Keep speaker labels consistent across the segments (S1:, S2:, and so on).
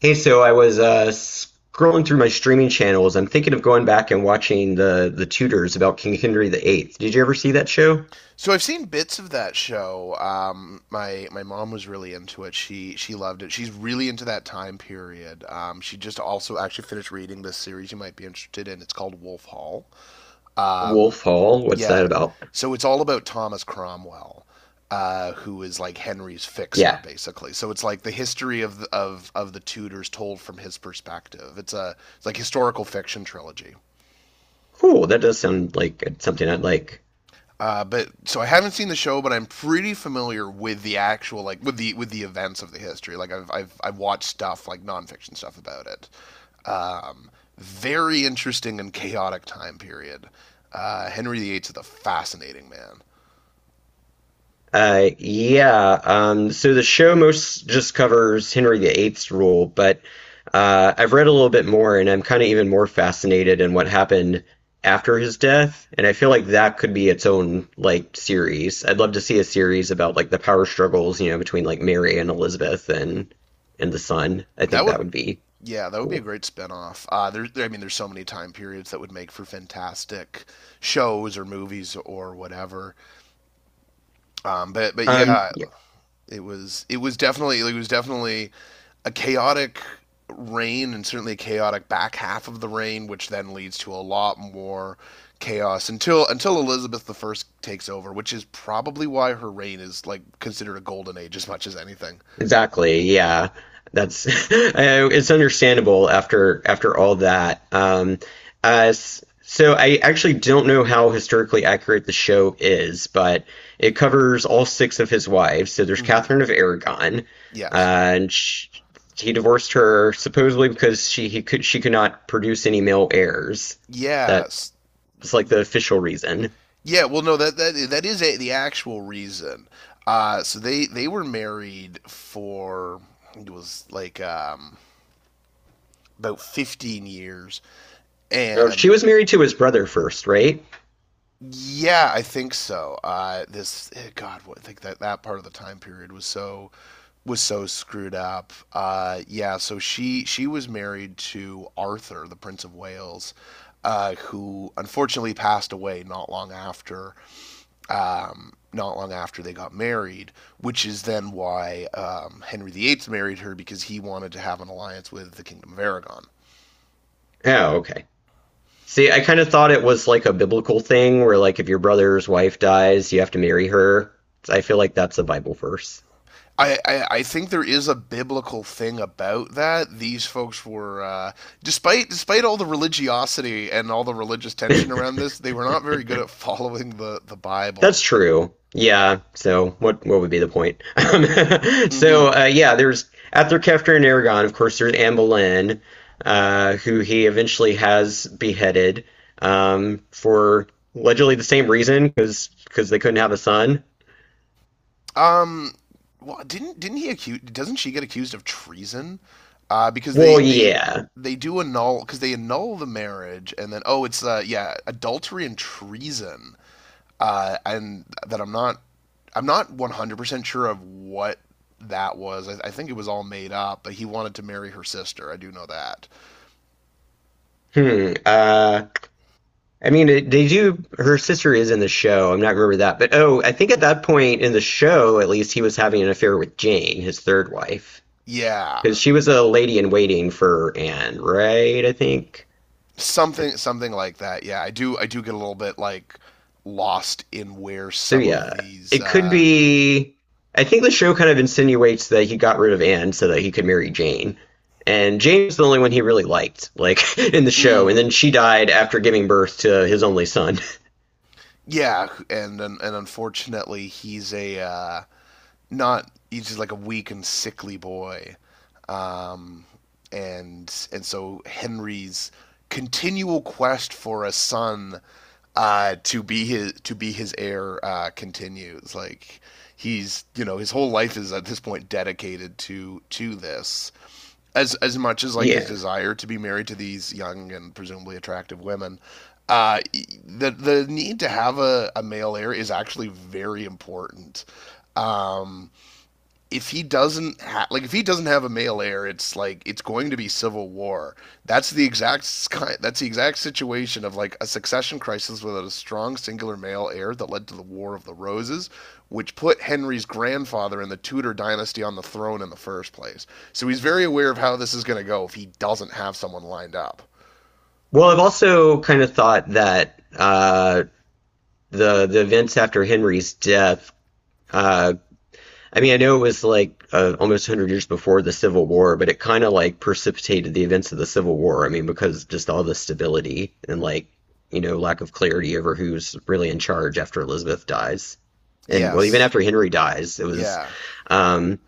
S1: Hey, so I was scrolling through my streaming channels. I'm thinking of going back and watching the Tudors about King Henry the Eighth. Did you ever see that show?
S2: So I've seen bits of that show. My mom was really into it. She loved it. She's really into that time period. She just also actually finished reading this series you might be interested in. It's called Wolf Hall. Um,
S1: Wolf Hall? What's
S2: yeah.
S1: that about?
S2: So it's all about Thomas Cromwell, who is like Henry's fixer
S1: Yeah,
S2: basically. So it's like the history of the Tudors told from his perspective. It's like historical fiction trilogy.
S1: cool. That does sound like something I'd like.
S2: But so I haven't seen the show, but I'm pretty familiar with the actual like with the events of the history. Like I've watched stuff like nonfiction stuff about it. Um, Very interesting and chaotic time period. Henry the Eighth is a fascinating man.
S1: Yeah. So the show most just covers Henry the Eighth's rule, but I've read a little bit more, and I'm kind of even more fascinated in what happened after his death. And I feel like that could be its own like series. I'd love to see a series about like the power struggles, between like Mary and Elizabeth and the son. I
S2: That
S1: think that
S2: would,
S1: would be
S2: yeah, that would be a
S1: cool.
S2: great spinoff. I mean, there's so many time periods that would make for fantastic shows or movies or whatever. But
S1: Um,
S2: yeah, it was definitely like, it was definitely a chaotic reign, and certainly a chaotic back half of the reign, which then leads to a lot more chaos until Elizabeth the First takes over, which is probably why her reign is like considered a golden age as much as anything.
S1: Exactly. Yeah. That's it's understandable after all that. So I actually don't know how historically accurate the show is, but it covers all six of his wives. So there's
S2: Mm-hmm.
S1: Catherine of Aragon,
S2: Yes.
S1: and sh he divorced her supposedly because she could not produce any male heirs. That
S2: Yes.
S1: was like the official reason.
S2: Yeah. Well, no. That is a, the actual reason. So they were married for it was like about 15 years,
S1: Oh, she
S2: and
S1: was married to his brother first, right?
S2: yeah, I think so. This eh, God, what, I think that that part of the time period was so screwed up. Yeah, so she was married to Arthur, the Prince of Wales, who unfortunately passed away not long after not long after they got married, which is then why Henry VIII married her because he wanted to have an alliance with the Kingdom of Aragon.
S1: Oh, okay. See, I kind of thought it was like a biblical thing where like if your brother's wife dies, you have to marry her. I feel like that's a Bible verse.
S2: I think there is a biblical thing about that. These folks were, despite all the religiosity and all the religious tension around this, they were not very good at following the Bible.
S1: That's true. Yeah. So what would be the point?
S2: Hmm.
S1: So yeah, there's after Kefter and Aragon, of course, there's Anne Boleyn, who he eventually has beheaded for allegedly the same reason because they couldn't have a son.
S2: Um, well, didn't he accuse? Doesn't she get accused of treason? Uh, because they
S1: Well,
S2: they
S1: yeah.
S2: they do annul, because they annul the marriage, and then, oh, it's yeah, adultery and treason. And that I'm not, I'm not 100% sure of what that was. I think it was all made up, but he wanted to marry her sister. I do know that.
S1: Hmm. I mean, they do. Her sister is in the show. I'm not remember that, but oh, I think at that point in the show, at least, he was having an affair with Jane, his third wife,
S2: Yeah,
S1: because she was a lady in waiting for Anne, right? I think.
S2: something like that. Yeah, I do get a little bit like lost in where
S1: So
S2: some of
S1: yeah,
S2: these.
S1: it could be. I think the show kind of insinuates that he got rid of Anne so that he could marry Jane, and Jane was the only one he really liked, like in the show. And
S2: Mm,
S1: then she died after giving birth to his only son.
S2: yeah, and unfortunately, he's a not. He's just like a weak and sickly boy. um, and so Henry's continual quest for a son, uh, to be his heir, continues. Like, he's, you know, his whole life is at this point dedicated to this as much as like his
S1: Yeah.
S2: desire to be married to these young and presumably attractive women. The need to have a male heir is actually very important. Um, if he doesn't ha- like if he doesn't have a male heir, it's like it's going to be civil war. That's the that's the exact situation of like a succession crisis without a strong singular male heir that led to the War of the Roses, which put Henry's grandfather in the Tudor dynasty on the throne in the first place. So he's very aware of how this is going to go if he doesn't have someone lined up.
S1: Well, I've also kind of thought that the events after Henry's death. Uh, I mean, I know it was like almost 100 years before the Civil War, but it kind of like precipitated the events of the Civil War. I mean, because just all the stability and like lack of clarity over who's really in charge after Elizabeth dies, and well, even
S2: Yes.
S1: after Henry dies, it was.
S2: Yeah.
S1: Um,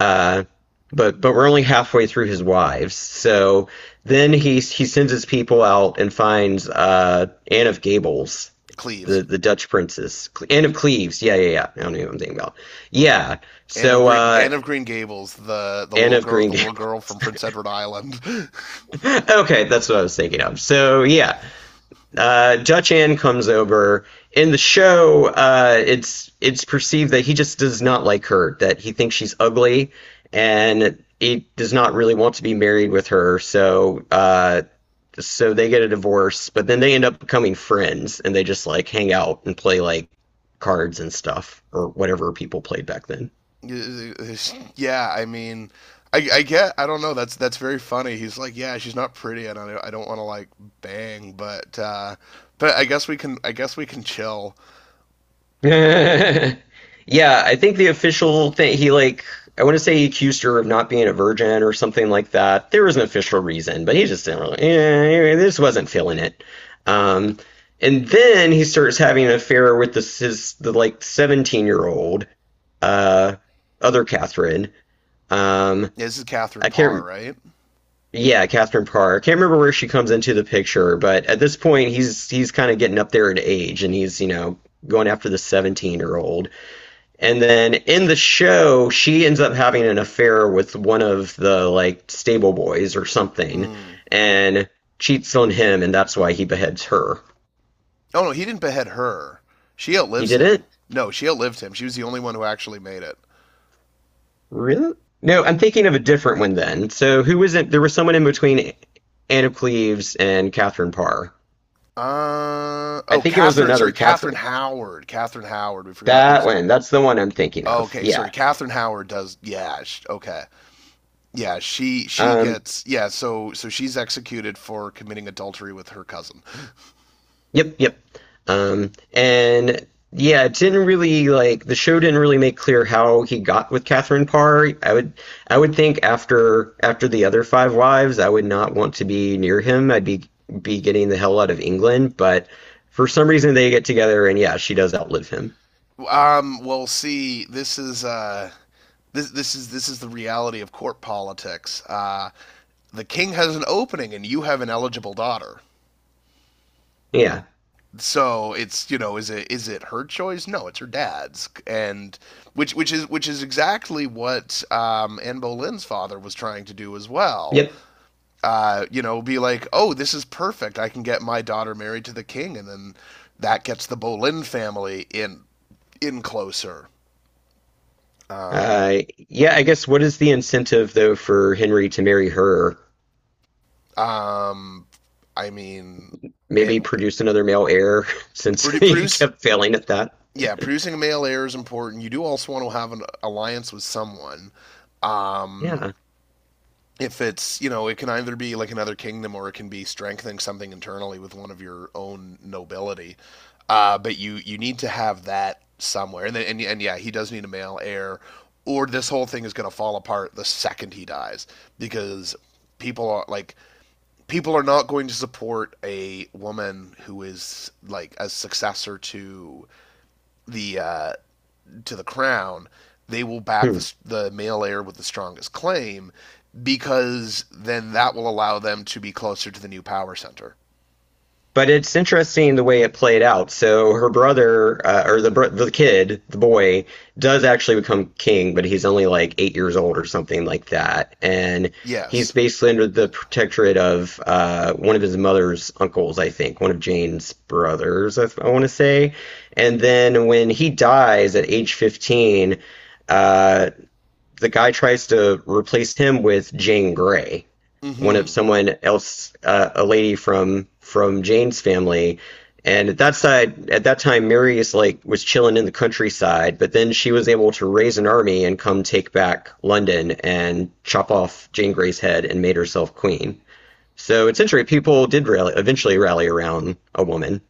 S1: uh, but we're only halfway through his wives. So then he sends his people out and finds Anne of Gables,
S2: Cleves.
S1: the Dutch princess, Anne of Cleves. Yeah, yeah, yeah. I don't know what I'm thinking about. Yeah. So uh,
S2: Anne of Green Gables, the the
S1: Anne
S2: little
S1: of
S2: girl
S1: Green
S2: the little girl
S1: Gables.
S2: from Prince Edward Island.
S1: Okay, that's what I was thinking of. So yeah, Dutch Ann comes over. In the show, it's perceived that he just does not like her, that he thinks she's ugly, and he does not really want to be married with her. So they get a divorce, but then they end up becoming friends, and they just like hang out and play like cards and stuff or whatever people played back then.
S2: Yeah, I mean, I get, I don't know. That's very funny. He's like, yeah, she's not pretty, and I don't want to like bang, but I guess we can chill.
S1: Yeah, I think the official thing he like I want to say he accused her of not being a virgin or something like that. There was an official reason, but he just didn't really. Yeah, this wasn't feeling it. Um, and then he starts having an affair with this his the like 17-year-old uh other Catherine. Um,
S2: Yeah, this is Catherine
S1: I
S2: Parr,
S1: can't.
S2: right?
S1: Yeah, Catherine Parr. I can't remember where she comes into the picture, but at this point he's kind of getting up there in age, and he's going after the 17-year-old. And then in the show, she ends up having an affair with one of the like stable boys or something
S2: Mm.
S1: and cheats on him, and that's why he beheads her.
S2: Oh no, he didn't behead her. She
S1: He
S2: outlives
S1: did
S2: him.
S1: it?
S2: No, she outlived him. She was the only one who actually made it.
S1: Really? No, I'm thinking of a different one then. So who was it? There was someone in between Anna Cleves and Catherine Parr.
S2: Uh
S1: I
S2: oh,
S1: think it was
S2: Catherine. Sorry,
S1: another
S2: Catherine
S1: Catherine.
S2: Howard. Catherine Howard. We forgot
S1: That
S2: this.
S1: one. That's the one I'm thinking
S2: Oh,
S1: of.
S2: okay, sorry.
S1: Yeah.
S2: Catherine Howard does. Yeah. sh Okay. Yeah, she
S1: Um,
S2: gets yeah. So she's executed for committing adultery with her cousin.
S1: Yep, yep. And yeah, it didn't really like the show didn't really make clear how he got with Catherine Parr. I would think after the other five wives, I would not want to be near him. I'd be getting the hell out of England, but for some reason they get together and yeah, she does outlive him.
S2: Well, see, This, this is the reality of court politics. The king has an opening, and you have an eligible daughter.
S1: Yeah.
S2: So it's, you know, is it her choice? No, it's her dad's, and which is exactly what Anne Boleyn's father was trying to do as well.
S1: Yep.
S2: You know, be like, oh, this is perfect. I can get my daughter married to the king, and then that gets the Boleyn family in closer. Um,
S1: Yeah, I guess what is the incentive though for Henry to marry her?
S2: um, I mean, it
S1: Maybe produce another male heir since he
S2: produce
S1: kept failing at that.
S2: yeah, producing a male heir is important. You do also want to have an alliance with someone. Um,
S1: Yeah.
S2: if it's, you know, it can either be like another kingdom or it can be strengthening something internally with one of your own nobility, but you need to have that somewhere, and then, and yeah, he does need a male heir or this whole thing is going to fall apart the second he dies, because people are like, people are not going to support a woman who is like a successor the uh to the crown. They will back
S1: Hmm.
S2: the male heir with the strongest claim, because then that will allow them to be closer to the new power center.
S1: But it's interesting the way it played out. So her brother, or the kid, the boy, does actually become king, but he's only like 8 years old or something like that, and he's
S2: Yes.
S1: basically under the protectorate of one of his mother's uncles, I think, one of Jane's brothers, I want to say. And then when he dies at age 15, uh, the guy tries to replace him with Jane Grey
S2: Mm
S1: one of
S2: hmm.
S1: someone else, a lady from Jane's family. And at that time, Mary is like was chilling in the countryside, but then she was able to raise an army and come take back London and chop off Jane Grey's head and made herself queen. So it's interesting. People eventually rally around a woman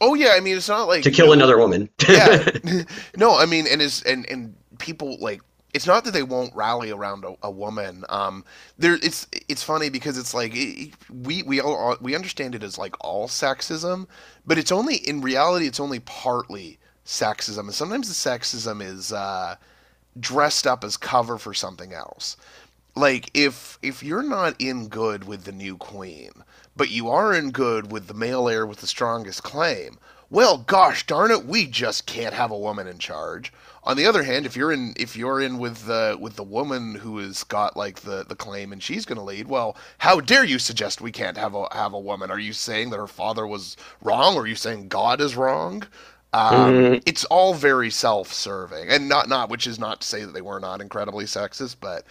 S2: Oh yeah, I mean it's not like,
S1: to kill
S2: no,
S1: another woman.
S2: yeah. No, I mean, and is and people like, it's not that they won't rally around a woman. It's funny because it's like it, we all we understand it as like all sexism, but it's only in reality it's only partly sexism, and sometimes the sexism is dressed up as cover for something else, like if you're not in good with the new queen, but you are in good with the male heir with the strongest claim, well gosh darn it, we just can't have a woman in charge. On the other hand, if you're in with the woman who has got like the claim and she's going to lead, well, how dare you suggest we can't have a woman? Are you saying that her father was wrong? Or are you saying God is wrong?
S1: Hmm.
S2: It's all very self-serving, and not not which is not to say that they were not incredibly sexist, but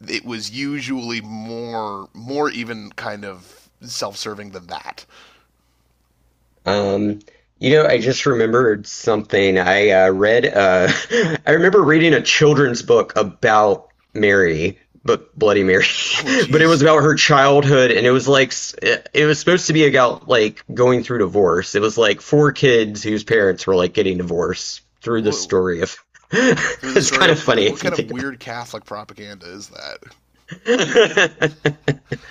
S2: it was usually more even kind of self-serving than that.
S1: Um, I just remembered something. I remember reading a children's book about Mary, but Bloody Mary,
S2: Oh
S1: but it
S2: geez.
S1: was about her childhood, and it was supposed to be about like going through divorce. It was like four kids whose parents were like getting divorced through the
S2: Wha-
S1: story of.
S2: through the
S1: It's
S2: story
S1: kind of
S2: of
S1: funny
S2: what
S1: if you
S2: kind of
S1: think about
S2: weird Catholic propaganda is that?
S1: it.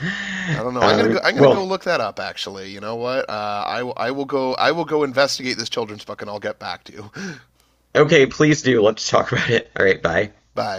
S2: I don't know. I'm gonna go
S1: Well,
S2: look that up. Actually, you know what? I will go. I will go investigate this children's book, and I'll get back to you.
S1: okay, please do. Let's talk about it. All right, bye.
S2: Bye.